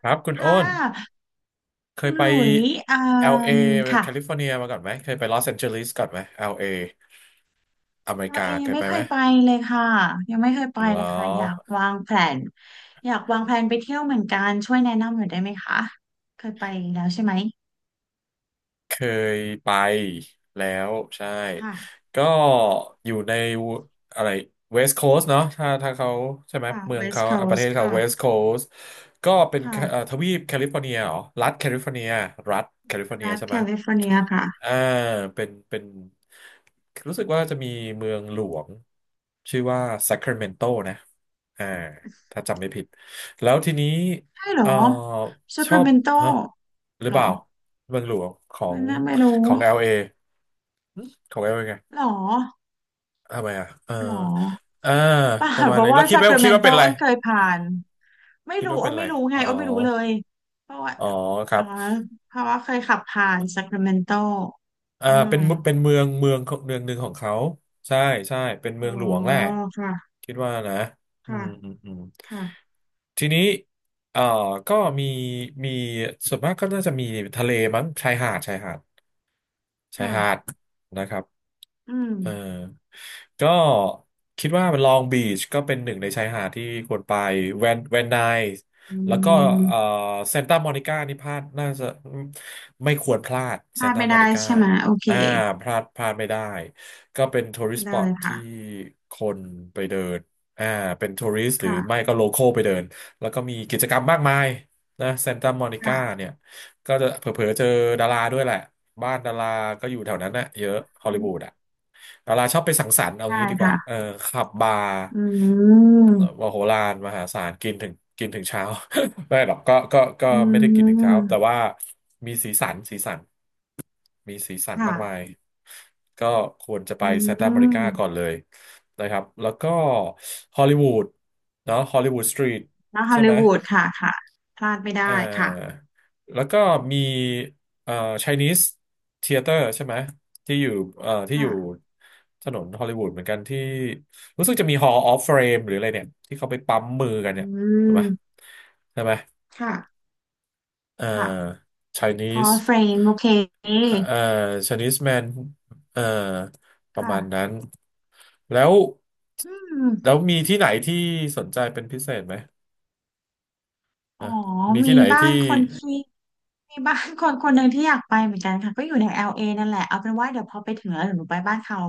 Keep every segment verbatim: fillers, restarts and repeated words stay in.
ครับคุณค่โอ้นะเคคุยณไป หลุยอ่า แอล เอ มค่ะแคลิฟอร์เนียมาก่อนไหมเคยไปลอสแอนเจลิสก่อนไหม แอล เอ อลเออเมริเรากาเองเคยไม่ไปเคไหมยไปเลยค่ะยังไม่เคยไปเหรเลอยค่ะอยากวางแผนอยากวางแผนไปเที่ยวเหมือนกันช่วยแนะนำหน่อยได้ไหมคะเคยไปแล้วใช่ไหมเคยไปแล้วใช่ค่ะก็อยู่ในอะไรเวสต์โคส t เนาะถ้าถ้าเขาใช่ไหมค่ะ เมือง West เขาอ่ะประเท Coast ศเขาค่ะเวสต์โคส t ก็เป็นแคเอ่อค่ะทวีปแคลิฟอร์เนียเหรอรัฐแคลิฟอร์เนียรัฐแคลิฟอร์เนียรัฐใช่แคไหม ลิฟอร์เนียค่ะอ่าเป็นเป็นรู้สึกว่าจะมีเมืองหลวงชื่อว่าซัคร a เมนโตนะอ่าถ้าจำไม่ผิดแล้วทีนี้ใช่เหรอเอ่อซ a ชคอราบเมนโตฮะหรืหอรเปอล่าเมืองหลวงขอไม่งน่าไม่รู้ของ แอล เอ หึของ แอล เอ ไงหรอทำไมอ่ะเออหรออ่าเปล่าประมาเพณราะนี้ว่าแล้วคิซ ด a คว่าราคิเมดนว่าโตเป็นอะไรอ้นเคยผ่าน ไม่คิดรู้ว่าอ้เป็นนอะไรไม่รู้ไงอ๋ออ้นไม่รู้เลยเพราะว่าอ๋อครัอ๋อบ เพราะว่าเคยขับผ่านซัคราเมนโตอ่าอืมเป็นเมืเป็นเมืองเมืองของเมืองหนึ่งของเขาใช่ใช่เป็นอ๋เมือองหลวงแหละค่ะคิดว่านะอืค่ะมอืมอืมค่ะทีนี้เอ่อก็มีมีส่วนมากก็น่าจะมีทะเลมั้งชายหาดชายหาดชายหาดค่ะนะครับ อืมเออก็คิดว่ามันลองบีชก็เป็นหนึ่งในชายหาดที่ควรไปแวนแวนไนอืแล้วก็เอ่อมเซานตามอนิก้านี่พลาดน่าจะไม่ควรพลาดพเซาลานดตาไม่มอได้นิก้าใช่ไหมโอเคอ่าพลาดพลาดไม่ได้ก็เป็นทัวริสต์สปอได้ตค่ะที่คนไปเดินอ่าเป็นทัวริสต์หรือไม่ค่ะก็โลคอลไปเดินแล้วก็มีกิจกรรมมากมายนะเซานตามอนิก้าค่ะเนี่ย ก็จะเผลอๆเจอดาราด้วยแหละบ้านดาราก็อยู่แถวนั้นน่ะเยอะฮอลลีวูดอ่ะดาราชอบไปสังสรรค์เอาได้งี้ดีกว่าเออค่ะขับบาร์อืมมโหฬารมหาศาลกินถึงกินถึงเช้า ไม่หรอกก็ก็ก็อืไม่ได้กินถึงเช้าแต่มว่ามีสีสันสีสันมีสีสันค่ะมากมายก็ควรจะไปอืซานตาอเมริกาก่อนเลมยนะครับแล้วก็ฮอลลีวูดเนาะฮอลลีวูดสตรีทแล้วฮอใช่ลไหลีม วูดค่ะค่ะพลาดไม่เอ่ได้ค่ะอแล้วก็มีเอ่อ Chinese Theater ใช่ไหมที่อยู่เอ่อที่อค่ะยู่ถนนฮอลลีวูดเหมือนกันที่รู้สึกจะมี Hall of Fame หรืออะไรเนี่ยที่เขาไปปั๊มมือกันอืเนี่ยถูกไหมมใช่ไหมค่ะเอ่อ ค่ะ อ๋อ Chinese เฟรมโอเคเอ่อ Chinese man เอ่อประค่ะมาณนั้นแล้วอืมแล้วมีที่ไหนที่สนใจเป็นพิเศษไหมอ๋อนะมีมีที่ไหนบ้าที่นคนที่มีบ้านคนคนหนึ่งที่อยากไปเหมือนกันค่ะก็อยู่ใน แอล เอ นั่นแหละเอาเป็นว่าเดี๋ยวพอไปถึงแล้วเดี๋ยวหนูไปบ้านเขา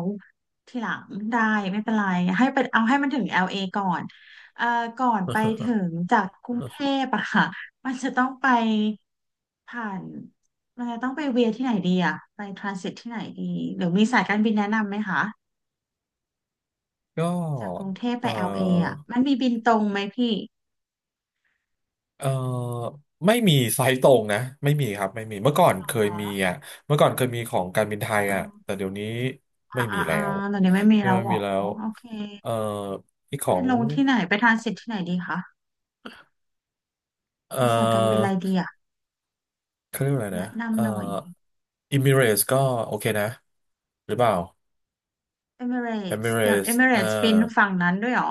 ทีหลังได้ไม่เป็นไรให้เป็นเอาให้มันถึง แอล เอ ก่อนเอ่อก่อนไปถึงจากกรุงเทพอะค่ะมันจะต้องไปผ่านมันจะต้องไปเวียที่ไหนดีอะไปทรานสิตที่ไหนดีหรือมีสายการบินแนะนำไหมคะก็จากกรุงเทพเอไป อ แอล เอ อลเออะมันมีบินตรงไหมพี่ เอ่อไม่มีไซต์ตรงนะไม่มีครับไม่มีเมื่อก่อนเหรอเคคยมีะอ่ะเมื่อก่อนเคยมีของการบินไทยอ่ะอืมแต่เดี๋ยวนี้ไม่อ่ามีอ่าแล้อ่าวตอนนี้ไม่มีที่แล้ไมวเหรอมีแล้อ๋อวโอเคเอ่ออีกขอไปงลงที่ไหนไปทรานสิตที่ไหนดีคะไปเอ่สายการบินออะไรดีอะเขาเรียกว่าอะไรนะแนะเอ่อนำหน่อยอิมิเรสก็โอเคนะหรือเปล่าเอมิเรเอตสมิเรเดี๋ยวเอสมิเรเอ่อตส์บินฝั่งนั้นด้วยเหรอ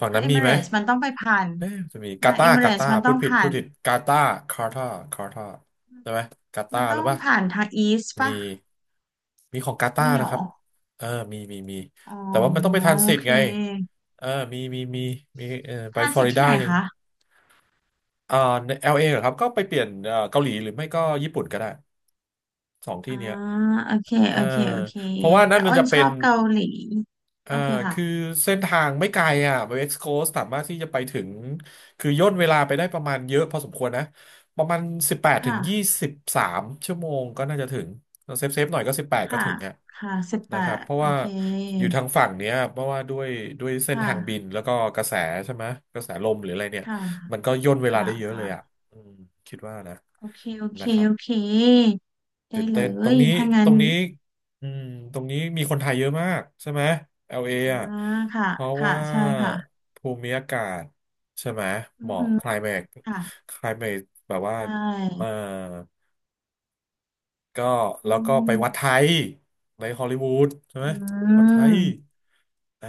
ฝั่งถ้านั้นเอมีมิเรไหม ตสมันต้องไปผ่านเอ๊ะจะมีกามาเอตามิเรกาตสตามันพูต้อดงผิดผ่าพูดนผิดกาตาคาร์ตาร์คาร์ตาใช่ไหมกาตามันหต้รือองเปล่าผ่านทางอีสต์ปะมีมีของกาตาไม่เหรนะคอรับเออมีมีมีอ๋อแต่ว่ามันต้องไปทรานโอสิตเคไงเออมีมีมีมีเออทไปรานฟลอสิตริที่ดาไหนยังคะอ่าเอลเอเหรอครับก็ไปเปลี่ยนเอ่อเกาหลีหรือไม่ก็ญี่ปุ่นก็ได้สองที่อ่าเนี้ยโอเคเออโอเคโอเคเพราะว่าแต่นั่นมัอ้นนจะชเป็อน บเกาหลีโออ่าเคคือค่ะเส้นทางไม่ไกลอ่ะเวกซ์โคสสามารถที่จะไปถึง คือย่นเวลาไปได้ประมาณเยอะพอสมควรนะ ประมาณสิบแปดถึงยี่ค่ะ สิบสามชั่วโมงก็น่าจะถึง เซฟเซฟหน่อยก็สิบแปดก็ค่ะถึงอ่ะค่ะสิบแปนะครับ ดเพราะโอว่าเคอยู่ทางฝั่งเนี้ย เพราะว่าด้วยด้วยคเส้นทางบิน่ะแล้วก็กระแสใช่ไหม กระแสลมหรืออะไรเนี่ยค่ะมันก็ย่นเวลาค่ะได้เยอะเลยอ่ะค่ะอืมคิดว่านะโอเคโอเคนะครับ โอเคได้ตื่นเลเต้นตรงยนี้ถ้าตงั้รนงนี้อืมตรงนี้มีคนไทยเยอะมากใช่ไหม แอล เอ อลเออ่าอ่ะค่ะเพราะค่ะว่าใช่ค่ะภูมิอากาศใช่ไหมอืเหอมาะ ฮึ climate ค่ะ climate แบบว่าใชเออ่ก็อืแล้วก็ไปวัดไทมยในฮอลลีวูดใช่ไหอืมวัดไทยมอ่า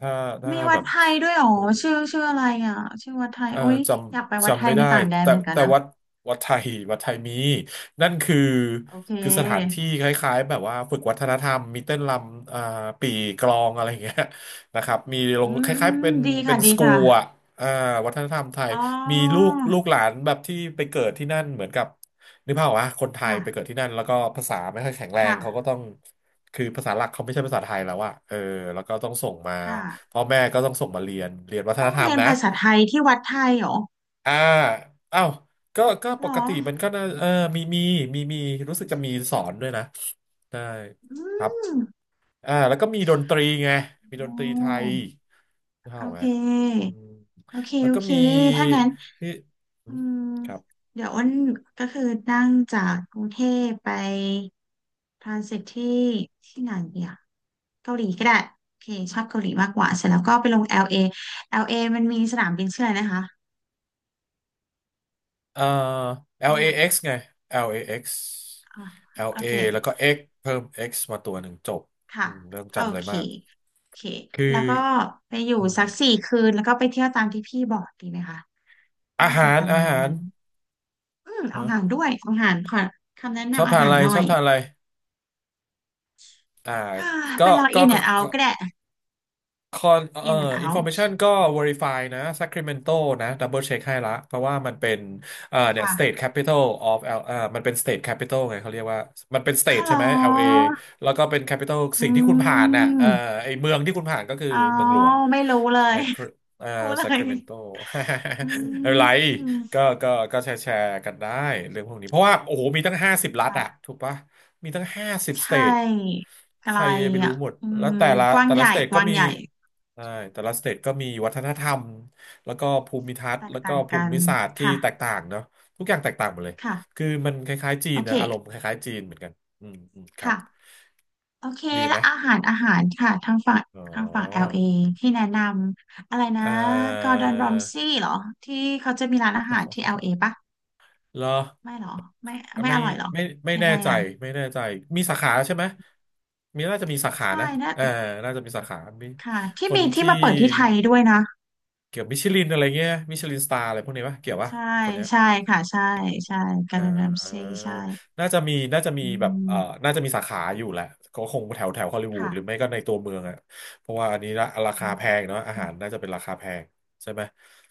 ถ้าถ้ามีวัแบดบ ไทยด้วยเหรอชื่อชื่ออะไรอ่ะชื่อวัดไทยเอ่อโอ้ยจอยากไปำวัดไทจำยไม่ในได้ต่างแดนแต่เหมือนกันแต่นะ วัดวัดไทยวัดไทยมีนั่นคือโอเคคือสถานที่คล้ายๆแบบว่าฝึกวัฒนธรรมมีเต้นรำอ่าปี่กลองอะไรอย่างเงี้ยนะครับมีลอืงมคอืล้ายๆมเป็นดีเป็ค่ะ นดีสกูค่ะลอ่ะอ่าวัฒนธรรมไทยอ๋อมีลูกลูกหลานแบบที่ไปเกิดที่นั่นเหมือนกับนึกภาพออกะคนไทยค่ะ ไปเกิดที่นั่นแล้วก็ภาษาไม่ค่อยแข็งแรงเขาก็ค่ะ ต้องคือภาษาหลักเขาไม่ใช่ภาษาไทยแล้วอะเออแล้วก็ต้องส่งมาค่ะ พ่อแม่ก็ต้องส่งมาเรียนเรียนวัฒต้นองธรรเรีมยนนะ ภาษาไทยที่วัดไทยเหรออ่าเอ้าก็ก็เหปรอ กติมันก็น่าเออมีมีมีมีรู้สึกจะมีสอนด้วยนะได้อืครับมอ่าแล้วก็มีดนตรีไงมีโอดนตรีไทย้โอเข้าไหมเอืค มโอเค แล้วโอก็เค มีถ้างั้นที่อืมครับเดี๋ยวอ้นก็คือนั่งจากกรุงเทพไปทรานสิตที่ที่ไหนเดีอะเกาหลีก็ได้ โอเค ชอบเกาหลีมากกว่า เสร็จแล้วก็ไปลง แอล เอ แอล เอ มันมีสนามบินชื่ออะไรนะคะเอ่อ เงียบ แอล เอ เอ็กซ์ ไง แอล เอ เอ็กซ์ อ่ะโอ แอล เอ เค แอลเอแล้วก็ X เพิ่ม X มาตัวหนึ่งจบอืค่ะมไม่ต้องโอจำอะไรเคมากโอเคคือแล้วก็ไปอยู่อืสักสี่มคืนแล้วก็ไปเที่ยวตามที่พี่บอกดีไหมคะอาน่าจะหาปรระอามาณหานี้รอืมเอาฮะอาหารด้วยเอาอาหารขอคำแนะชอบนำอาทานหาอะรไรหน่ชออย บทานอะไร อ่า ฮ่าก็ไปลองก็อิน n ก็อนด์าก็ ก็ได้คอนเอ่ออ n น n อ อินฟอร์เม out ชันก็ Verify นะ Sacramento นะดับเบิลเช็คให้ละเพราะว่ามันเป็นเอ่อาเนี่ย ค่ะ State Capital of L เอ่อมันเป็น State Capital ไงเขาเรียกว่ามันเป็น อ้าว State เหรใช่ไหม แอลเอ อแล้วก็เป็น Capital อืสิ่งที่คุณผ่านน่ะเอ่อมไอเมืองที่คุณผ่านก็คืออ๋อเมืองหลวง ไม่รู้เลย Sacra- เอ่อ รู้เลย Sacramento อือะไรก็มก็ก็แชร์แชร์กันได้เรื่องพวกนี้เพราะว่าโอ้โหมีตั้งห้าสิบรัฐอะค่ะถูกปะมีตั้งห้าสิบใชสเตท่อะใคไรรจะไปรู้อ่ะหมดอืแล้วมแต่ละกว้างแต่ใหละญ่สเตทกก็ว้างมี ใหญ่ใช่แต่ละสเตทก็มีวัฒนธรรมแล้วก็ภูมิทัศแตน์กแล้วก็ต่างภูกันมิศาสตร์ที่ค่ะแตกต่างเนาะทุกอย่างแตกต่างหมดเลยค่ะ คือมันคล้ายๆจีโอนเคนะอารมณ์คล้ายๆจีนเหมือนกันอืมอืมครับค่ะโอเคดีไหมและอาหารอาหารค่ะทางฝั่งอ๋อทางฝั่ง แอล เอ ที่แนะนำอะไรนะเอ่กอร์อ ดอนรอมซี่เหรอที่เขาจะมีร้านอาหารที่ แอล เอ ปะเหรอไม่เหรอไม่ไม่ไม่อร่อยเหรอไม่ไม่ยังแน่ไงใจอ่ะไม่แน่ใจมีสาขาใช่ไหมมีน่าจะมีสาขาใช่นะนะเออน่าจะมีสาขามีค่ะคที่นมีที่ที่มาเปิดที่ไทยด้วยนะเกี่ยวมิชลินอะไรเงี้ยมิชลินสตาร์อะไรพวกนี้ปะเกี่ยวปะใช่คนเนี้ย ใช่ค่ะใช่ใช่กอร์ดอ่าอนรอมซี่ใช่น่าจะมีน่าจะมีอืแบบเอ่อมน่าจะมีสาขาอยู่แหละก็คงแถวแถวฮอลลีวูดหรือไม่ค่ะก็ในตัวเมืองอ่ะเพราะว่าอันนี้ละราอืคามแพงเนาะอาหารน่าจะเป็นราคาแพงใช่ไหม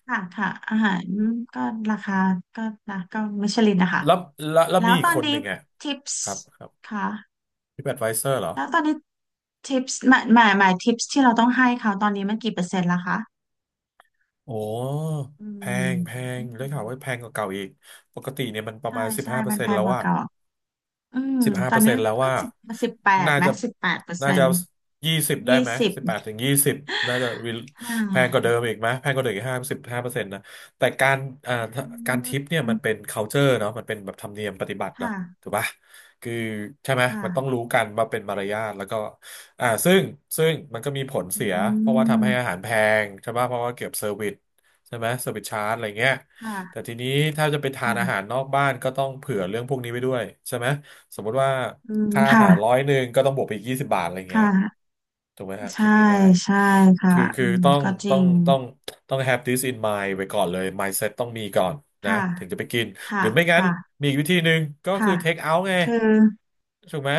ค่ะค่ะอาหารก็ราคาก็นะก็มิชลินนะคะแล้วแล้วแล้วแล้มีวอีตกอนคนหนี้นึ่งอ่ะทิปคส์รับครับค่ะ พี่แอดไวเซอร์เหรอ แล้วตอนนี้ทิปส์หมายหมายหมายทิปส์ที่เราต้องให้เขาตอนนี้มันกี่เปอร์เซ็นต์แล้วคะโอ้ อืแพงมแพอืงได้มข่าวว่าแพงกว่าเก่าอีก ปกติเนี่ยมันประใช่มาณสิบใช่ห้าเปอมัร์นเซ็นแพต์งแล้วกว่าอะ เก่าอืมสิบห้าตอเปอนร์เซ็นี้นต์แล้วก็ว่าสิบสิบแปดน่าไหมจะสิบแปดเปอร์น่าเซ็นจะต์ยี่สิบได้ยี่ไหมสิบสิบแปดถึงยี่สิบน่าจะ re- ค่แพงกว่าะเดิมอีกไหม แพงกว่าเดิมอีกห้าสิบห้าเปอร์เซ็นต์นะแต่การอ่าอการทิปเนี่ยืมันเป็มน culture เนาะมันเป็นแบบธรรมเนียมปฏิบัตินะค่ะถูกปะคือใช่ไหม คมันต้อง่ะรู้กันว่าเป็นมารยาทแล้วก็อ่าซึ่งซึ่งมันก็มีผลอืเสียเพราะว่าทำให้อามหารแพงใช่ปะเพราะว่าเก็บเซอร์วิสใช่ไหมเซอร์วิสชาร์จอะไรเงี้ยแต่ค่ะทีนี้ถ้าจะไปทานอาหารค่ะนอกบ้านก็ต้องเผื่อเรื่องพวกนี้ไปด้วยใช่ไหม สมมุติว่าอืมค่าอาค่ะหารร้อยหนึ่งก็ต้องบวกไปอีกยี่สิบบาทอะไรเงี้ค่ะยถูกไหมฮะใช่คิดง่ายใช่ๆค่ะคือคือือมต้องก็จริต้องงต้องต้อง have this in mind ไว้ก่อนเลย mindset ต้องมีก่อนนะค่ะถึงจะไปกินหค่ะรือไม่งั้นค่ะมีอีกวิธีหนึ่งก็คืค่ะอ take out ไงคือ ถูกไหม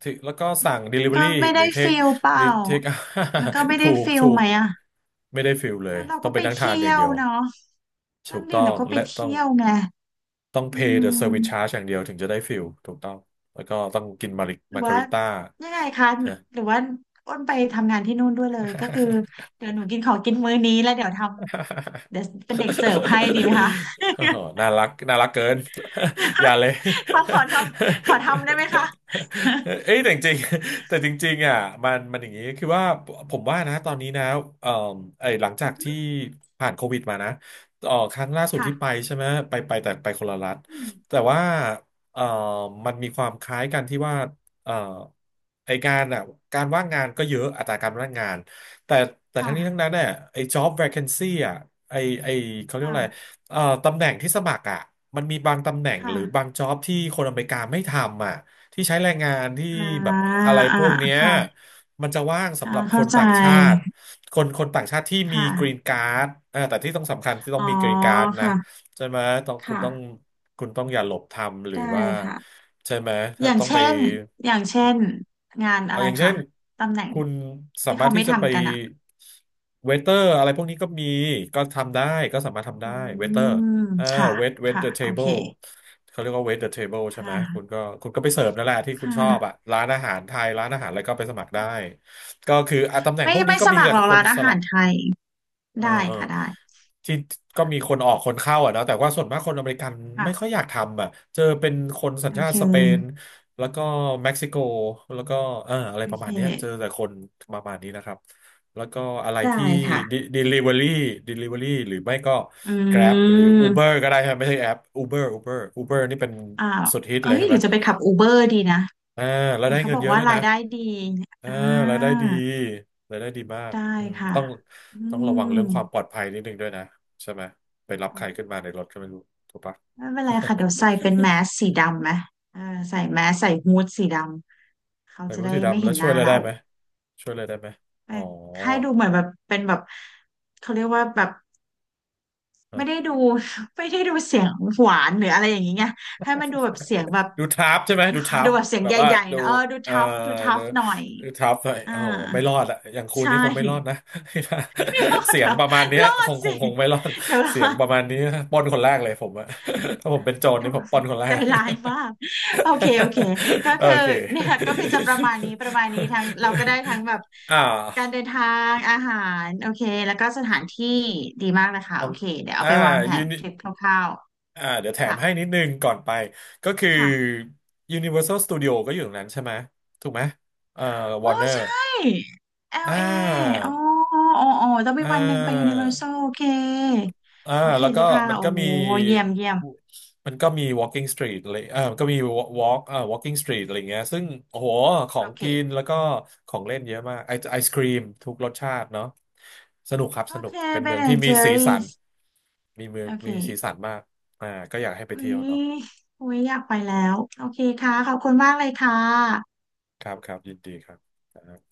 ถึงแล้วก็สั่ง มันก็ delivery ไม่หรืได้อ take ฟิลเปหรืล่าอ take out มันก็ไม่ถูได้กฟิลถูไหกมอะไม่ได้ฟิลเลแล้ยวเราต้อก็งไปไปนั่งทานอเที่ย่ายงวเดียวเนาะถูนั่นกดิต้องเราก็ไปและต้อง เที่ยวไงต้อง อื pay the ม service charge อย่างเดียวถึงจะได้ฟิลถูกต้องแล้วก็ต้องกินมาริหรือมากาว่าริต้ายังไงคะ ฮหรือว่าอ้นไปทำงานที่นู่นด้วยเลยก็คือะ เดี๋ยวหนูกินของกินมื้อนี้แล้วเดี๋ยวทำ เดี๋ยวเป็นเด็กเสิร์ฟให้ดีไหมคะ โอ้โหน่ารักน่ารักเกิน อย่าเลย ขอขอทำขอทำได้ไหมคะ เอ้ยแต่จริงๆแต่จริงๆอ่ะมันมันอย่างนี้คือว่าผมว่านะตอนนี้นะเอ่อไอ้หลังจากที่ผ่านโควิดมานะเอ่อครั้งล่าสุ ดที่ไปค่ะใช่ไหมไปไปแต่ไปคนละรัฐอืมแต่ว่าเอ่อมันมีความคล้ายกันที่ว่าเอ่อไอการอ่ะการว่างงานก็เยอะอัตราการว่างงาน แต่แต่ทั้งนี้ทั้งค่ะนั้นเนี่ยไอ้ job vacancy อ่ะไอ้ไอ้เขาเรียกว่าค่ะอะไรเอ่อตำแหน่งที่สมัครอ่ะมันมีบางตำแหน่งหรือบาง ค่ะ job ที่คนอเมริกาไม่ทำอ่ะที่ใช้แรงงานที่อ่าแบบอะไรอ่าพวกเนี้ยค่ะมันจะว่างสำค่ะหรับคเข้านใจ ต่างชาติคนคนต่างชาติที่คมีกรีน่ะ การ์ดอ่าแต่ที่ต้องสำคัญที่ต้อ๋อองมีกรีนการ์ดนะค่ะใช่ไหมต้องคุณค่ะต้องคุณต้องอย่าหลบทำหรือได้ว่าค่ะใช่ไหมอถ้าย่างต้องไป เช่นอย่างเช่นงานอะเอาไรอย่างเช่คะนตำแหน่งคุณสาที่มารเขาถไม่ที่จะไปทำกันอ่ะเวเตอร์อะไรพวกนี้ก็มีก็ทำได้ก็สามารถทำอืได้เวเตอร์มอ่าค่ะเวทเวทค่ะเดอะเทโอเบิเคลเขาเรียกว่าเวทเดอะเทเบิลใช่ค่ไหมคุณก็ะคุณก็ไปเสิร์ฟนั่นแหละที่คุณค่ะชอบอ่ะร้านอาหารไทยร้านอาหารอะไรก็ไปสมัครได้ก็คืออ่ะตำแหน่งไม่พวกนี้ไม่ก็สมีมัคแต่รหรอกคร้านนอาสหาลัรบ ไทยเออได้เออค่ะได้ที่ก็มีคนออกคนเข้าอ่ะเนอะแต่ว่าส่วนมากคนอเมริกันค่ะไม่ค่อยอยากทำอ่ะเจอเป็นคนสัญโอชาเคติสเปนแล้วก็เม็กซิโกแล้วก็เอออะไรโอประเคมาณเนี้ยเจอแต่คนประมาณนี้นะครับแล้วก็อะไรได้ที่ ค่ะ de- delivery delivery หรือไม่ก็ อื Grab หรือ Uber มก็ได้ครับไม่ใช่แอป Uber Uber Uber นี่เป็นอ้าวสุดฮิตเอ้เลยยใช่หไหรืมอจะไปขับอูเบอร์ดีนะอ่าแล้วเห็นได้เขาเงิบนอกเยอะว่าด้วยรานะ ยได้ดีอ่าอ่ารายได้ดีรายได้ดีมากได้อืมค่ะต้องอืต้องระวัม งเรื่องความปลอดภัยนิดนึงด้วยนะใช่ไหมไปรับใครขึ้นมาในรถก็ไม่รู้ถูกปะ ไม่เป็นไรค่ะเดี๋ยวใส่เป็นแมสสีดำไหมเออใส่แมสใส่ฮู้ดสีดำเขาใส่จะบู้ ได้สีไม่ดำแล้เห็วนหช่วยน้าอะไรได้เราไหมช่วยอะไรได้ไหมแต่อ๋อให้ดูเหมือนแบบเป็นแบบเขาเรียกว่าแบบฮะไม่ได้ดู ไม่ได้ดูเสียงหวานหรืออะไรอย่างนี้ไงให้มันดูแบบเสียงแบบ ดูทับใช่ไหมดูทั ดูบแบบเสียงแบใบว่าหญ่ๆดูนะเออดูเอ่อทัฟดูทัดูฟหน่อยดูทับหน่อยอ่าโอ้โหไม่รอดอะอย่างคุณใช่ นี่คงไม่รอดนะ ไม่รอ ดเสียเหรงอประมาณเนี้ยรอคดงคสิงคงไม่รอดเดี๋ยวรอ เสียงประมาณนี้ปล้นคนแรกเลยผมอะ ถ้าผมเป็นโจรนี่ผมปล้น คนแรใจก ร้ายมากโอเคโอเคก็ โอคือเคเนี่ยก็คือจะประมาณนี้ประมาณนี้ทั้งเราก็ได้ทั้งแบบอ่การาเดินทางอาหารโอเคแล้วก็สถานที่ดีมากเลยค่ะลอโองเคเดี๋ยวเอาอ่าไปวางแผยูนนิทริปคร่าวอ่าเดี๋ยวแถๆมค่ะให้นิดนึงก่อนไป ก็คือ ค่ะ Universal Studio ก็อยู่ตรงนั้นใช่ไหมถูกไหมเอ่อ โอ้ Warner ใช่ อ่ แอล เอ อลา เออ๋ออ๋ออ๋อต้องอ่มีวันหนึ่งไป Universal า โอเคอ่าโอเคแล้วเลก็ยค่ะมันโอ้ก็มีเยี่ยมเยี่ยมมันก็มี walking street เลยอ่ามันก็มี walk อ่า walking street อะไรเงี้ยซึ่งโอ้โหขอโองเคกินแล้วก็ของเล่นเยอะมากไอไอศครีมทุกรสชาติเนาะสนุกครับโอสนุกเคเป็นไปเมือไหงน ที่ and มีสีสัน Jerry's มีเมืองโอเค มีสีสันมากอ่าก็อยากให้ไปเฮ้เที่ยยวเนาะโอ้ยอยากไปแล้ว โอเคค่ะ ขอบคุณมากเลยค่ะครับครับยินดีครับ